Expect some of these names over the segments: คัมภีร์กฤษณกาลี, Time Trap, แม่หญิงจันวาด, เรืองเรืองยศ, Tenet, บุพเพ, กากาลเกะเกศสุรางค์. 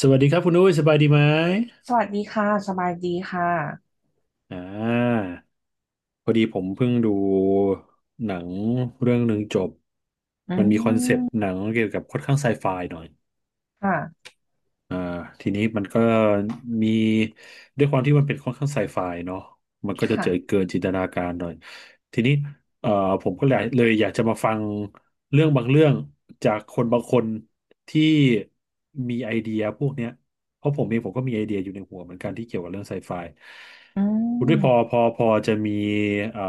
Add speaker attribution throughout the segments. Speaker 1: สวัสดีครับคุณอุ้ยสบายดีไหม
Speaker 2: สวัสดีค่ะสบายดีค่ะ
Speaker 1: อ่า พอดีผมเพิ่งดูหนังเรื่องหนึ่งจบ
Speaker 2: อื
Speaker 1: มันมีคอนเซปต์ห
Speaker 2: ม
Speaker 1: นังเกี่ยวกับค่อนข้างไซไฟหน่อย
Speaker 2: ค่ะ
Speaker 1: อ่าทีนี้มันก็มีด้วยความที่มันเป็นค่อนข้างไซไฟเนาะมันก็จะเจอ
Speaker 2: ค่ะ
Speaker 1: เกินจินตนาการหน่อยทีนี้เอ่อผมก็เลยอยากจะมาฟังเรื่องบางเรื่องจากคนบางคนที่มีไอเดียพวกเนี้ยเพราะผมเองผมก็มีไอเดียอยู่ในหัวเหมือนกันที่เกี่ยวกับเรื่องไซไฟ
Speaker 2: อื
Speaker 1: คุณ
Speaker 2: ม
Speaker 1: ด้วยพอจะมีเอ่อ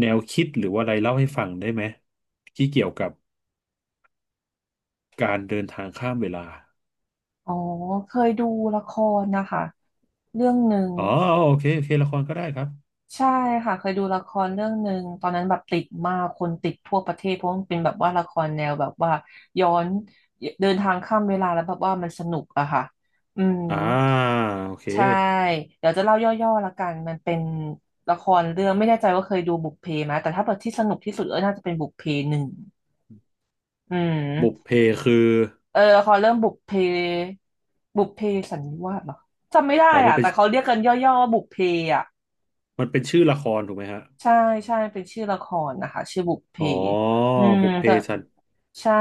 Speaker 1: แนวคิดหรือว่าอะไรเล่าให้ฟังได้ไหมที่เกี่ยวกับการเดินทางข้ามเวลา
Speaker 2: อ๋อ เคยดูละครนะคะ เรื่องหนึ่ง
Speaker 1: อ๋อโอเคโอเคละครก็ได้ครับ
Speaker 2: ใช่ค่ะ เคยดูละครเรื่องหนึ่งตอนนั้นแบบติดมากคนติดทั่วประเทศเพราะมันเป็นแบบว่าละครแนวแบบว่าย้อนเดินทางข้ามเวลาแล้วแบบว่ามันสนุกอะค่ะอืม
Speaker 1: อ่าโอเค
Speaker 2: ใช่เดี๋ยวจะเล่าย่อๆละกันมันเป็นละครเรื่องไม่แน่ใจว่าเคยดูบุพเพไหมแต่ถ้าเบบดที่สนุกที่สุดก็น่าจะเป็นบุพเพหนึ่งอื
Speaker 1: บุพ
Speaker 2: ม
Speaker 1: เพคือ
Speaker 2: เออละครเรื่องบุพเพสันนิวาสเหรอจำไม่ได้
Speaker 1: อ๋อมัน
Speaker 2: อ่ะ
Speaker 1: เป็น
Speaker 2: แต่เขาเรียกกันย่อๆว่าบุพเพอ่ะ
Speaker 1: มันเป็นชื่อละครถูกไหมฮะ
Speaker 2: ใช่ใช่เป็นชื่อละครนะคะชื่อบุพเพ
Speaker 1: อ๋อ
Speaker 2: อืม
Speaker 1: บุพเพ
Speaker 2: แต่
Speaker 1: สัน
Speaker 2: ใช่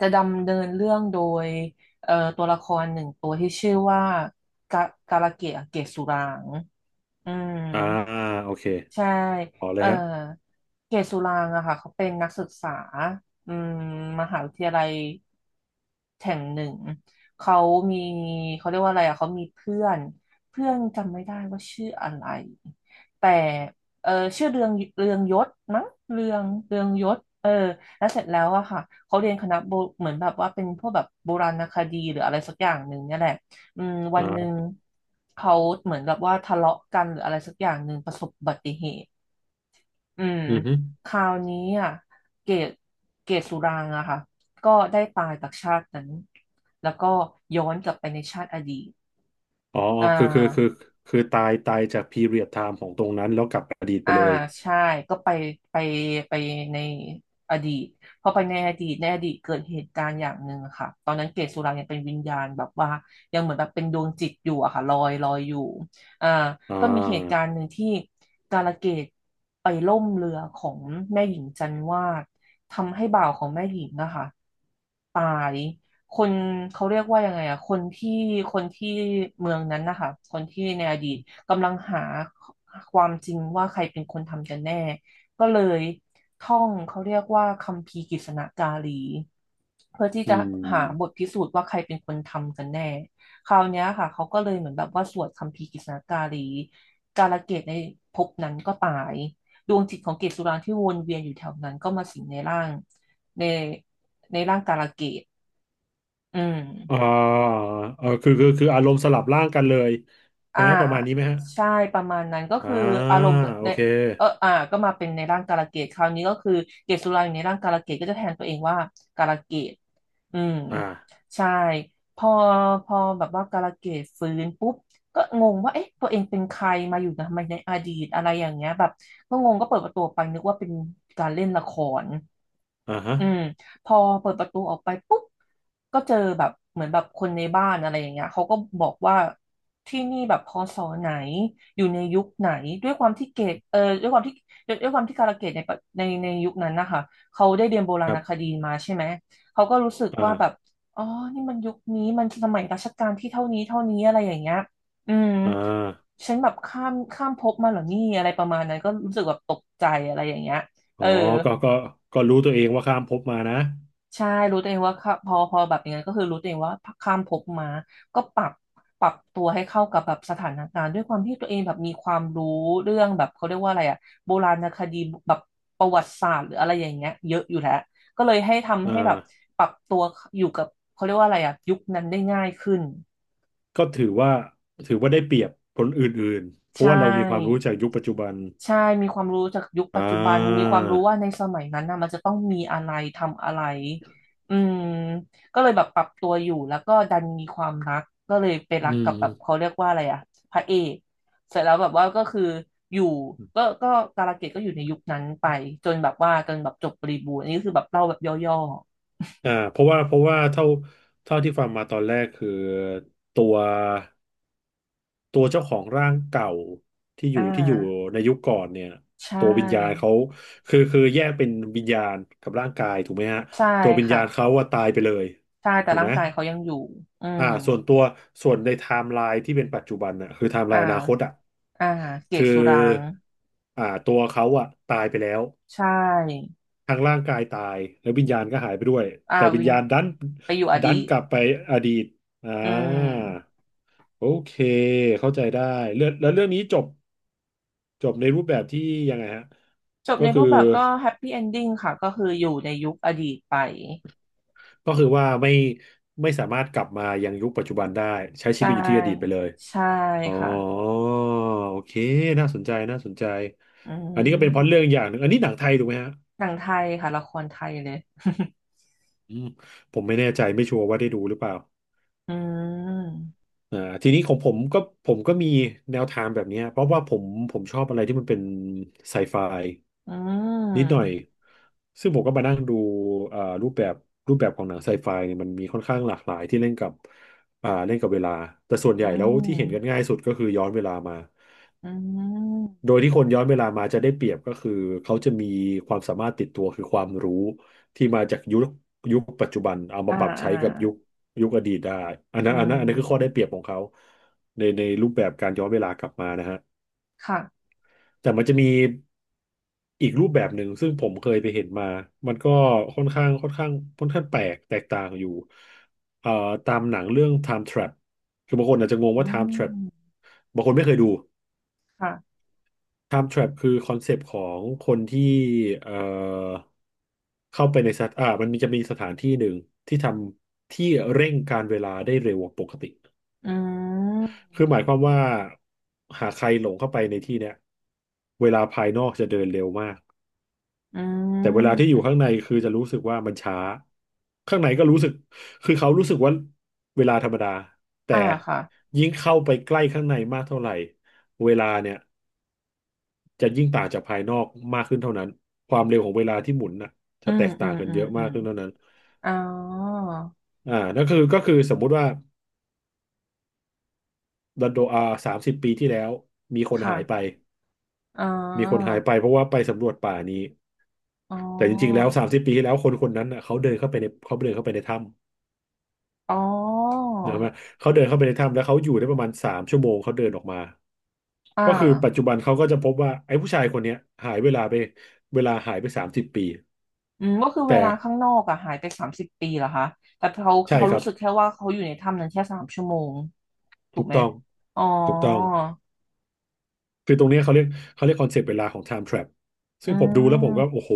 Speaker 2: จะดำเนินเรื่องโดยตัวละครหนึ่งตัวที่ชื่อว่ากากาลเกะเกศสุรางค์อืม
Speaker 1: อ่าโอเค
Speaker 2: ใช่
Speaker 1: อ๋อเล
Speaker 2: เอ่
Speaker 1: ย
Speaker 2: อ
Speaker 1: ฮะ
Speaker 2: เกศสุรางค์อะค่ะเขาเป็นนักศึกษาอืมมหาวิทยาลัยแห่งหนึ่งเขามีเขาเรียกว่าอะไรอะเขามีเพื่อน เพื่อนจำไม่ได้ว่าชื่ออะไร แต่เออชื่อเรืองยศมั้งเรืองยศเออแล้วเสร็จแล้วอะค่ะเขาเรียนคณะโบเหมือนแบบว่าเป็นพวกแบบโบราณคดีหรืออะไรสักอย่างหนึ่งเนี่ยแหละ อืมวั
Speaker 1: อ่
Speaker 2: นหนึ่ง
Speaker 1: า
Speaker 2: เขาเหมือนแบบว่าทะเลาะกันหรืออะไรสักอย่างหนึ่งประสบอุบัติเหตุอืม
Speaker 1: อือฮึ
Speaker 2: คราวนี้อ่ะเกตเกตสุรางค์อะค่ะก็ได้ตายจากชาตินั้นแล้วก็ย้อนกลับไปในชาติอดีต
Speaker 1: อ๋อ
Speaker 2: อ่า
Speaker 1: คือคือคือคือตายจากพีเรียดไทม์ของตรงนั้นแล้วกลับอดีตไป
Speaker 2: อ่า
Speaker 1: เลย
Speaker 2: ใช่ก็ไปไปในอดีตพอไปในอดีตในอดีตเกิดเหตุการณ์อย่างหนึ่งอะค่ะตอนนั้นเกศสุรังยังเป็นวิญญาณแบบว่ายังเหมือนแบบเป็นดวงจิตอยู่อะค่ะลอยลอยอยู่อ่า
Speaker 1: อ่
Speaker 2: ก็มีเหตุกา
Speaker 1: า
Speaker 2: รณ์หนึ่งที่กาลเกตไปล่มเรือของแม่หญิงจันวาดทำให้บ่าวของแม่หญิงนะคะตาย คนเขาเรียกว่ายังไงอะคนที่คนที่เมืองนั้นนะคะคนที่ในอดีตกำลังหาความจริงว่าใครเป็นคนทำกันแน่ก็เลยท่องเขาเรียกว่าคัมภีร์กฤษณกาลีเพื่อที่
Speaker 1: อื
Speaker 2: จะหาบท
Speaker 1: ม
Speaker 2: พิสูจน์ว่าใครเป็นคนทำกันแน่คราวเนี้ยค่ะเขาก็เลยเหมือนแบบว่าสวดคัมภีร์กฤษณกาลีกาลเกตในภพนั้นก็ตายดวงจิตของเกศสุรางค์ที่วนเวียนอยู่แถวนั้นก็มาสิงในร่างในในร่างกาลเกต อืม
Speaker 1: อ่าเออคืออารมณ์สลับร่างกันเลย
Speaker 2: อ่า
Speaker 1: นะประมาณนี้ไหมฮะ
Speaker 2: ใช่ประมาณนั้นก็
Speaker 1: อ่า
Speaker 2: คืออารมณ์
Speaker 1: โอ
Speaker 2: ใน
Speaker 1: เค
Speaker 2: เอออ่าก็มาเป็นในร่างกาลเกตคราวนี้ก็คือ เกตสุราอยู่ในร่างกาลเกตก็จะแทนตัวเองว่ากาลเกตอืม
Speaker 1: อ่า
Speaker 2: ใช่ พอพอแบบว่ากาลเกตฟื้นปุ๊บก็งงว่าเอ๊ะตัวเองเป็นใครมาอยู่ทำไมในอดีตอะไรอย่างเงี้ยแบบก็งงก็เปิดประตูออกไปนึกว่าเป็นการเล่นละคร
Speaker 1: ฮะ
Speaker 2: อืมพอเปิดประตูออกไปปุ๊บก็เจอแบบเหมือนแบบคนในบ้านอะไรอย่างเงี้ยเขาก็บอกว่าที่นี่แบบพศไหนอยู่ในยุคไหนด้วยความที่เกตเออด้วยความที่ด้วยความที่กาลเกตในยุคนั้นนะคะเขาได้เรียนโบรา
Speaker 1: ครั
Speaker 2: ณค
Speaker 1: บ
Speaker 2: ดีมาใช่ไหมเขาก็รู้สึกว่าแบบ
Speaker 1: อ่า
Speaker 2: อ๋อนี่มันยุคนี้มันสมัยรัชกาลที่เท่านี้เท่านี้อะไรอย่างเงี้ยอืม
Speaker 1: อ่า
Speaker 2: ฉันแบบข้ามข้ามภพมาเหรอนี่อะไรประมาณนั้นก็รู้สึกแบบตกใจอะไรอย่างเงี้ย
Speaker 1: อ๋
Speaker 2: เอ
Speaker 1: อ
Speaker 2: อ
Speaker 1: ก็ก็ก็รู้ตัวเองว่าข้ามภพมานะ
Speaker 2: ใช่รู้ตัวเองว่าค่ะพอแบบอย่างนั้นก็คือรู้ตัวเองว่าข้ามภพมาก็ปรับตัวให้เข้ากับแบบสถานการณ์ด้วยความที่ตัวเองแบบมีความรู้เรื่องแบบเขาเรียกว่าอะไรอะโบราณคดีแบบประวัติศาสตร์หรืออะไรอย่างเงี้ยเยอะอยู่แล้วก็เลยให้ทำ
Speaker 1: อ่
Speaker 2: ให้แบบ
Speaker 1: า
Speaker 2: ปรับตัวอยู่กับเขาเรียกว่าอะไรอะยุคนั้นได้ง่ายขึ้น
Speaker 1: ก็ถือว่าได้เปรียบคนอื่นๆเพ
Speaker 2: ใช
Speaker 1: ราะว่าเรามีความรู้
Speaker 2: ่
Speaker 1: จากยุคปัจจุบัน
Speaker 2: ใช่มีความรู้จากยุค
Speaker 1: อ่
Speaker 2: ปัจจุบันมี
Speaker 1: า
Speaker 2: ความรู้ว่าในสมัยนั้นนะมันจะต้องมีอะไรทำอะไรอืมก็เลยแบบปรับตัวอยู่ แล้วก็ดันมีความรักก็เลยไป
Speaker 1: อื
Speaker 2: รักกับแบบ
Speaker 1: ม
Speaker 2: เขาเรียกว่าอะไรอะพระเอกเสร็จแล้วแบบว่าก็คืออยู่ก็การะเกดก็อยู่ในยุคนั้นไปจนแบบว่าจนแบบจบบริบูรณ์อันนี้คือแบบเล่าแบบย่อ
Speaker 1: เพราะว่าเท่าที่ฟังมาตอนแรกคือตัวตัวเจ้าของร่างเก่าที่
Speaker 2: ๆ
Speaker 1: อ
Speaker 2: อ่า
Speaker 1: ยู่ที่อยู่ในยุคก่อนเนี่ย
Speaker 2: ใช
Speaker 1: ตัววิญญาณ
Speaker 2: ่
Speaker 1: เขาคือแยกเป็นวิญญาณกับร่างกายถูกไหมฮะ
Speaker 2: ใช่
Speaker 1: ตัววิญ
Speaker 2: ค่ะ
Speaker 1: ญาณเขาว่าตายไปเลย
Speaker 2: ใช่ แต่
Speaker 1: ถูก
Speaker 2: ร่า
Speaker 1: ไห
Speaker 2: ง
Speaker 1: ม
Speaker 2: กายเขายังอยู่อืม
Speaker 1: ส่วนตัวส่วนในไทม์ไลน์ที่เป็นปัจจุบันน่ะคือไทม์ไล
Speaker 2: อ่
Speaker 1: น์อนาคต
Speaker 2: า
Speaker 1: อ่ะ
Speaker 2: อ่าเก
Speaker 1: คื
Speaker 2: ศ
Speaker 1: อ
Speaker 2: สุราง
Speaker 1: ตัวเขาอ่ะตายไปแล้ว
Speaker 2: ใช่
Speaker 1: ทางร่างกายตายแล้ววิญญาณก็หายไปด้วย
Speaker 2: อ่า
Speaker 1: แต่วิญ
Speaker 2: วิน
Speaker 1: ญาณดัน
Speaker 2: ไปอยู่อ
Speaker 1: ดั
Speaker 2: ดี
Speaker 1: น
Speaker 2: ต
Speaker 1: กลับไปอดีตอ่า
Speaker 2: อืม
Speaker 1: โอเคเข้าใจได้เรื่องแล้วเรื่องนี้จบจบในรูปแบบที่ยังไงฮะ
Speaker 2: จบ
Speaker 1: ก็
Speaker 2: ใน
Speaker 1: คื
Speaker 2: รู
Speaker 1: อ
Speaker 2: ปแบบก็แฮปปี้เอนดิ้งค่ะก็คืออยู่ในยุคอดีตไป
Speaker 1: ก็คือว่าไม่สามารถกลับมายังยุคปัจจุบันได้ใช้
Speaker 2: ใช
Speaker 1: ชีวิตอยู่ที่อดีตไป
Speaker 2: ่
Speaker 1: เลย
Speaker 2: ใช่
Speaker 1: อ๋อ
Speaker 2: ค่ะ
Speaker 1: โอเคน่าสนใจน่าสนใจ
Speaker 2: อื
Speaker 1: อันนี้ก็เป็นพล็อตเรื่
Speaker 2: ม
Speaker 1: องอย่างหนึ่งอันนี้หนังไทยถูกไหมฮะ
Speaker 2: หนังไทยค่ะละครไทยเลย
Speaker 1: อืมผมไม่แน่ใจไม่ชัวร์ว่าได้ดูหรือเปล่า
Speaker 2: อืม
Speaker 1: อ่าทีนี้ของผมก็มีแนวทางแบบเนี้ยเพราะว่าผมชอบอะไรที่มันเป็นไซไฟ
Speaker 2: อื
Speaker 1: นิดหน่อย
Speaker 2: ม
Speaker 1: ซึ่งผมก็มานั่งดูเอ่อรูปแบบรูปแบบของหนังไซไฟเนี่ยมันมีค่อนข้างหลากหลายที่เล่นกับเล่นกับเวลา แต่ส่วนให
Speaker 2: อื
Speaker 1: ญ่แล้วที่เห็นกัน
Speaker 2: ม
Speaker 1: ง่ายสุดก็คือย้อนเวลามา
Speaker 2: อืม
Speaker 1: โดยที่คนย้อนเวลามาจะได้เปรียบก็คือเขาจะมีความสามารถติดตัวคือความรู้ที่มาจากยุคปัจจุบันเอา
Speaker 2: อ่า
Speaker 1: มาปรับ
Speaker 2: อ่า
Speaker 1: ใช้กับยุคอดีตได้อัน
Speaker 2: อื
Speaker 1: นั้นอันนั้นอันนั้นคือข้อได้เป
Speaker 2: ม
Speaker 1: รียบของเขาในรูปแบบการย้อนเวลากลับมานะฮะ
Speaker 2: ค่ะ
Speaker 1: แต่มันจะมีอีกรูปแบบหนึ่งซึ่งผมเคยไปเห็นมา มันก็ค่อนข้างค่อนข้างค่อนข้างแปลกแตกต่างอยู่เอ่อตามหนังเรื่อง Time Trap คือบางคนอาจจะงง
Speaker 2: อื
Speaker 1: ว่า Time Trap
Speaker 2: ม
Speaker 1: บางคนไม่เคยดู
Speaker 2: ค่ะ
Speaker 1: Time Trap คือคอนเซปต์ของคนที่เอ่อเข้าไปในสถมันมีจะมีสถานที่หนึ่งที่ทำที่เร่งการเวลาได้เร็วกว่าปกติ
Speaker 2: อื
Speaker 1: คือหมาย
Speaker 2: ม
Speaker 1: ความว่าหากใครหลงเข้าไปในที่เนี้ยเวลาภายนอกจะเดินเร็วมาก
Speaker 2: อื
Speaker 1: แต่เวลาที่อ
Speaker 2: ม
Speaker 1: ยู่ข้างในคือจะรู้สึกว่ามันช้าข้างในก็รู้สึกคือเขารู้สึกว่าเวลาธรรมดาแต่
Speaker 2: อ่าค่ะ
Speaker 1: ยิ่งเข้าไปใกล้ข้างในมากเท่าไหร่เวลาเนี่ยจะยิ่งต่างจากภายนอกมากขึ้นเท่านั้นความเร็วของเวลาที่หมุนน่ะ
Speaker 2: อื
Speaker 1: จะแต
Speaker 2: ม
Speaker 1: ก
Speaker 2: อื
Speaker 1: ต่าง
Speaker 2: ม
Speaker 1: กัน
Speaker 2: อื
Speaker 1: เย
Speaker 2: ม
Speaker 1: อะ
Speaker 2: อื
Speaker 1: มา
Speaker 2: ม
Speaker 1: กขึ้นเท่านั้น
Speaker 2: อ๋อ
Speaker 1: นั่นคือก็คือสมมุติว่าดันโดอาสามสิบปีที่แล้วมีคน
Speaker 2: ค่ะ
Speaker 1: หายไป
Speaker 2: อ๋อ
Speaker 1: เพราะว่าไปสำรวจป่านี้
Speaker 2: อ๋อ
Speaker 1: แต่จริงๆแล้วสามสิบปีที่แล้วคนคนนั้นน่ะเขาเดินเข้าไปในเขาเดินเข้าไปในถ้ำ
Speaker 2: อ๋อ
Speaker 1: เนกอะไหมเขาเดินเข้าไปในถ้ำแล้วเขาอยู่ได้ประมาณ3 ชั่วโมงเขาเดินออกมา
Speaker 2: อ่
Speaker 1: ก็คือปัจจุ
Speaker 2: า
Speaker 1: บันเขาก็จะพบว่าไอ้ผู้ชายคนเนี้ยหายเวลาไปเวลาหายไปสามสิบปี
Speaker 2: อืมก็คือ
Speaker 1: แต่
Speaker 2: เวลาข้างนอกอะหายไป30 ปีเหรอคะแต่เขา
Speaker 1: ใช่
Speaker 2: เขา
Speaker 1: ครั
Speaker 2: รู้
Speaker 1: บ
Speaker 2: สึกแค่ว่าเขาอยู่ในถ้ำนั้นแค่3 ชั่วโมงถู
Speaker 1: ถู
Speaker 2: ก
Speaker 1: ก
Speaker 2: ไหม
Speaker 1: ต้อง
Speaker 2: อ๋อ
Speaker 1: ถูกต้องคือตรงเนี้ยเขาเรียกคอนเซปต์เวลาของ Time Trap
Speaker 2: อื
Speaker 1: ซึ่งผมดูแล้วผม
Speaker 2: ม
Speaker 1: ก็โอ้โห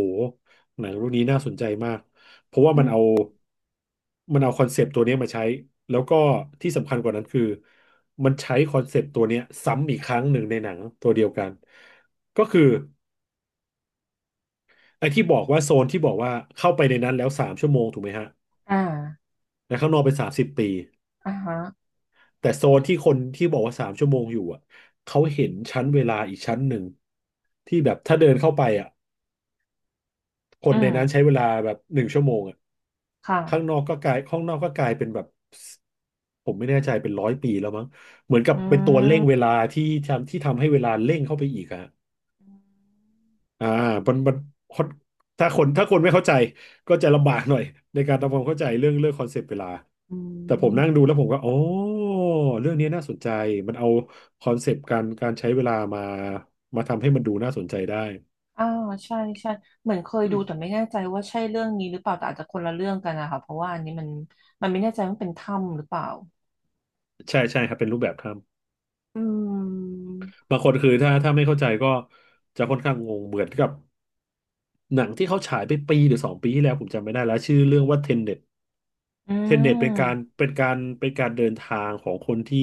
Speaker 1: หนังเรื่องนี้น่าสนใจมากเพราะว่า
Speaker 2: อื
Speaker 1: มัน
Speaker 2: ม
Speaker 1: เอามันเอาคอนเซปต์ตัวเนี้ยมาใช้แล้วก็ที่สำคัญกว่านั้นคือมันใช้คอนเซปต์ตัวเนี้ยซ้ำอีกครั้งหนึ่งในหนังตัวเดียวกันก็คือ ไอ้ที่บอกว่าโซนที่บอกว่าเข้าไปในนั้นแล้วสามชั่วโมงถูกไหมฮะ
Speaker 2: อ่า
Speaker 1: แล้วข้างนอกเป็น30 ปี
Speaker 2: อ่าฮะ
Speaker 1: แต่โซนที่คนที่บอกว่าสามชั่วโมงอยู่อ่ะเขาเห็นชั้นเวลาอีกชั้นหนึ่งที่แบบถ้าเดินเข้าไปอ่ะค
Speaker 2: อื
Speaker 1: นใน
Speaker 2: ม
Speaker 1: นั้นใช้เวลาแบบ1 ชั่วโมงอ่ะข้างน
Speaker 2: ค่ะ
Speaker 1: อกก็กลายข้างนอกก็กลายเป็นแบบผมไม่แน่ใจเป็น100 ปีแล้วมั้งเหมือนกับ
Speaker 2: อื
Speaker 1: เป็นตัวเร่
Speaker 2: ม
Speaker 1: งเวลาที่ทำให้เวลาเร่งเข้าไปอีกอะอ่ามันถ้าคนไม่เข้าใจก็จะลำบากหน่อยในการทำความเข้าใจเรื่องคอนเซปต์เวลา แต่ผมนั่งดูแล้วผมก็อ๋อเรื่องนี้น่าสนใจมันเอาคอนเซปต์การใช้เวลามามาทำให้มันดูน่าสนใจได้
Speaker 2: อ่าใช่ใช่เหมือนเคย
Speaker 1: อื
Speaker 2: ดู
Speaker 1: ม
Speaker 2: แต่ไม่แน่ใจว่าใช่เรื่องนี้หรือเปล่าแต่อาจจะคนละเรื่องกันนะคะเพราะว่าอันนี้มันไม่แน่ใจว่าเป็นถ้ำหรือเปล่า
Speaker 1: ใช่ใช่ครับเป็นรูปแบบถ้
Speaker 2: อืม
Speaker 1: ำบางคนคือถ้าไม่เข้าใจก็จะค่อนข้างงงเหมือนกับหนังที่เขาฉายไปปีหรือ2 ปีที่แล้วผมจำไม่ได้แล้วชื่อเรื่องว่าเทนเน็ต
Speaker 2: อื
Speaker 1: เทนเน็ตเป็นการ
Speaker 2: ม
Speaker 1: เป็นการเป็นการเดินทางของคนที่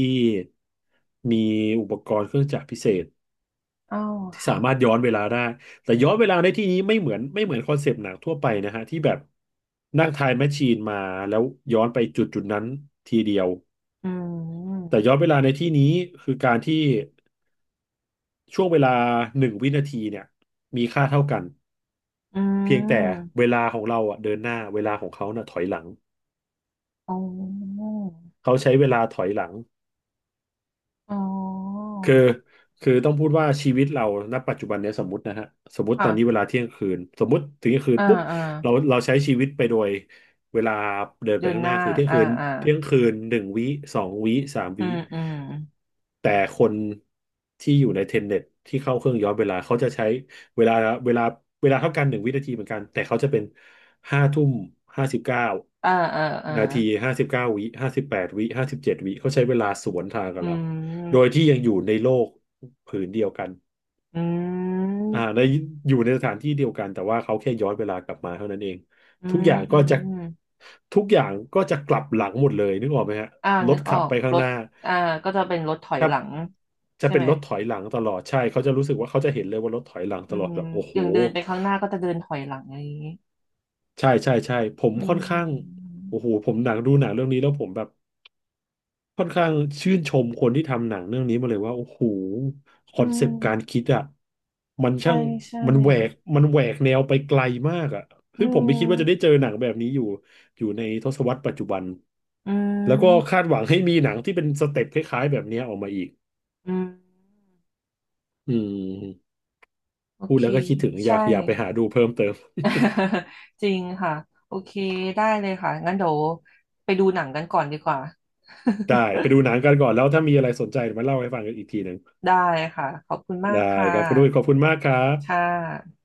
Speaker 1: มีอุปกรณ์เครื่องจักรพิเศษ
Speaker 2: อ้าว
Speaker 1: ที่สา
Speaker 2: ค่ะ
Speaker 1: มารถย้อนเวลาได้แต่ย้อนเวลาในที่นี้ไม่เหมือนคอนเซปต์หนังทั่วไปนะฮะที่แบบนั่งไทม์แมชชีนมาแล้วย้อนไปจุดนั้นทีเดียว
Speaker 2: อื
Speaker 1: แต่
Speaker 2: ม
Speaker 1: ย้อนเวลาในที่นี้คือการที่ช่วงเวลาหนึ่งวินาทีเนี่ยมีค่าเท่ากัน
Speaker 2: อื
Speaker 1: เพียงแต่
Speaker 2: ม
Speaker 1: เวลาของเราอ่ะเดินหน้าเวลาของเขาน่ะถอยหลัง
Speaker 2: อ๋อ
Speaker 1: เขาใช้เวลาถอยหลัง
Speaker 2: อ๋อ
Speaker 1: คือคือต้องพูดว่าชีวิตเราณปัจจุบันเนี้ยสมมตินะฮะสมมติตอนนี้เว
Speaker 2: ค่ะ
Speaker 1: ลาเที่ยงคืนสมมติถึงเที่ยงคืน
Speaker 2: อ่า
Speaker 1: ปุ๊บ
Speaker 2: อ่า
Speaker 1: เราใช้ชีวิตไปโดยเวลาเดินไป
Speaker 2: เดือน
Speaker 1: ข้าง
Speaker 2: ห
Speaker 1: หน้า
Speaker 2: น้า
Speaker 1: คือเที่ยง
Speaker 2: อ่า
Speaker 1: คืน
Speaker 2: อ่า
Speaker 1: เที่ยงคืนหนึ่งวิ2 วิสาม
Speaker 2: อื
Speaker 1: วิ
Speaker 2: มอืม
Speaker 1: แต่คนที่อยู่ในเทนเน็ตที่เข้าเครื่องย้อนเวลาเขาจะใช้เวลาเวลาเวลาเท่ากันหนึ่งวินาทีเหมือนกันแต่เขาจะเป็นห้าทุ่มห้าสิบเก้า
Speaker 2: อ่าอ่าอ่า
Speaker 1: นาที59 วิ58 วิ57 วิเขาใช้เวลาสวนทางกั
Speaker 2: อื
Speaker 1: บเรา โดย
Speaker 2: ม
Speaker 1: ที่ยังอยู่ในโลกผืนเดียวกัน
Speaker 2: อืม
Speaker 1: อ่าในอยู่ในสถานที่เดียวกันแต่ว่าเขาแค่ย้อนเวลากลับมาเท่านั้นเอง
Speaker 2: อื
Speaker 1: ทุก
Speaker 2: ม
Speaker 1: อย่าง
Speaker 2: อื
Speaker 1: ก็จะ
Speaker 2: ม
Speaker 1: ทุกอย่างก็จะกลับหลังหมดเลยนึกออกไหมฮะ
Speaker 2: อ่า
Speaker 1: ร
Speaker 2: นึ
Speaker 1: ถ
Speaker 2: กอ
Speaker 1: ขั
Speaker 2: อ
Speaker 1: บ
Speaker 2: ก
Speaker 1: ไปข้า
Speaker 2: ร
Speaker 1: งห
Speaker 2: ถ
Speaker 1: น้า
Speaker 2: อ่าก็จะเป็นรถถอยหลัง
Speaker 1: จะ
Speaker 2: ใช่
Speaker 1: เป็น
Speaker 2: ไหม
Speaker 1: รถถอยหลังตลอดใช่เขาจะรู้สึกว่าเขาจะเห็นเลยว่ารถถอยหลัง
Speaker 2: อื
Speaker 1: ตลอด
Speaker 2: ม
Speaker 1: แบบโอ้โห
Speaker 2: อย่างเดินไปข้างหน้าก็จะเดินถอยหลังอะไรอย่างนี้
Speaker 1: ใช่ใช่ใช่ผม
Speaker 2: อื
Speaker 1: ค่อนข้าง
Speaker 2: ม
Speaker 1: โอ้โหผมหนังดูหนังเรื่องนี้แล้วผมแบบ ค่อนข้างชื่นชมคนที่ทำหนังเรื่องนี้มาเลยว่าโอ้โหคอ
Speaker 2: อื
Speaker 1: นเซปต์การ
Speaker 2: ม
Speaker 1: คิดอ่ะมัน
Speaker 2: ใช่
Speaker 1: ช่าง
Speaker 2: ใช่
Speaker 1: มันแหวกมันแหวกแนวไปไกลมากอ่ะ
Speaker 2: อื
Speaker 1: ซึ่งผมไม่คิด
Speaker 2: ม
Speaker 1: ว่าจะได้เจอหนังแบบนี้อยู่ในทศวรรษปัจจุบัน
Speaker 2: อื
Speaker 1: แล้วก็
Speaker 2: ม
Speaker 1: คาดหวังให้มีหนังที่เป็นสเต็ปคล้ายๆแบบเนี้ยออกมาอีก
Speaker 2: อืม
Speaker 1: อืม
Speaker 2: โอ
Speaker 1: พูด
Speaker 2: เค
Speaker 1: แล้วก็คิดถึงอ
Speaker 2: ใช่
Speaker 1: ยากอยากไปหาดูเพิ่มเติม
Speaker 2: จริงค่ะ โอเค ได้เลยค่ะ งั้นเดี๋ยวไปดูหนังกันก่อนดีกว่า
Speaker 1: ได้ไปดูหนังกันก่อนแล้วถ้ามีอะไรสนใจเดี๋ยวมาเล่าให้ฟังกันอีกทีหนึ่ง
Speaker 2: ได้ค่ะ ขอบคุณมาก
Speaker 1: ได้
Speaker 2: ค่ะ
Speaker 1: ครับคุณด้วยขอบคุณมากครั
Speaker 2: ค่
Speaker 1: บ
Speaker 2: ะ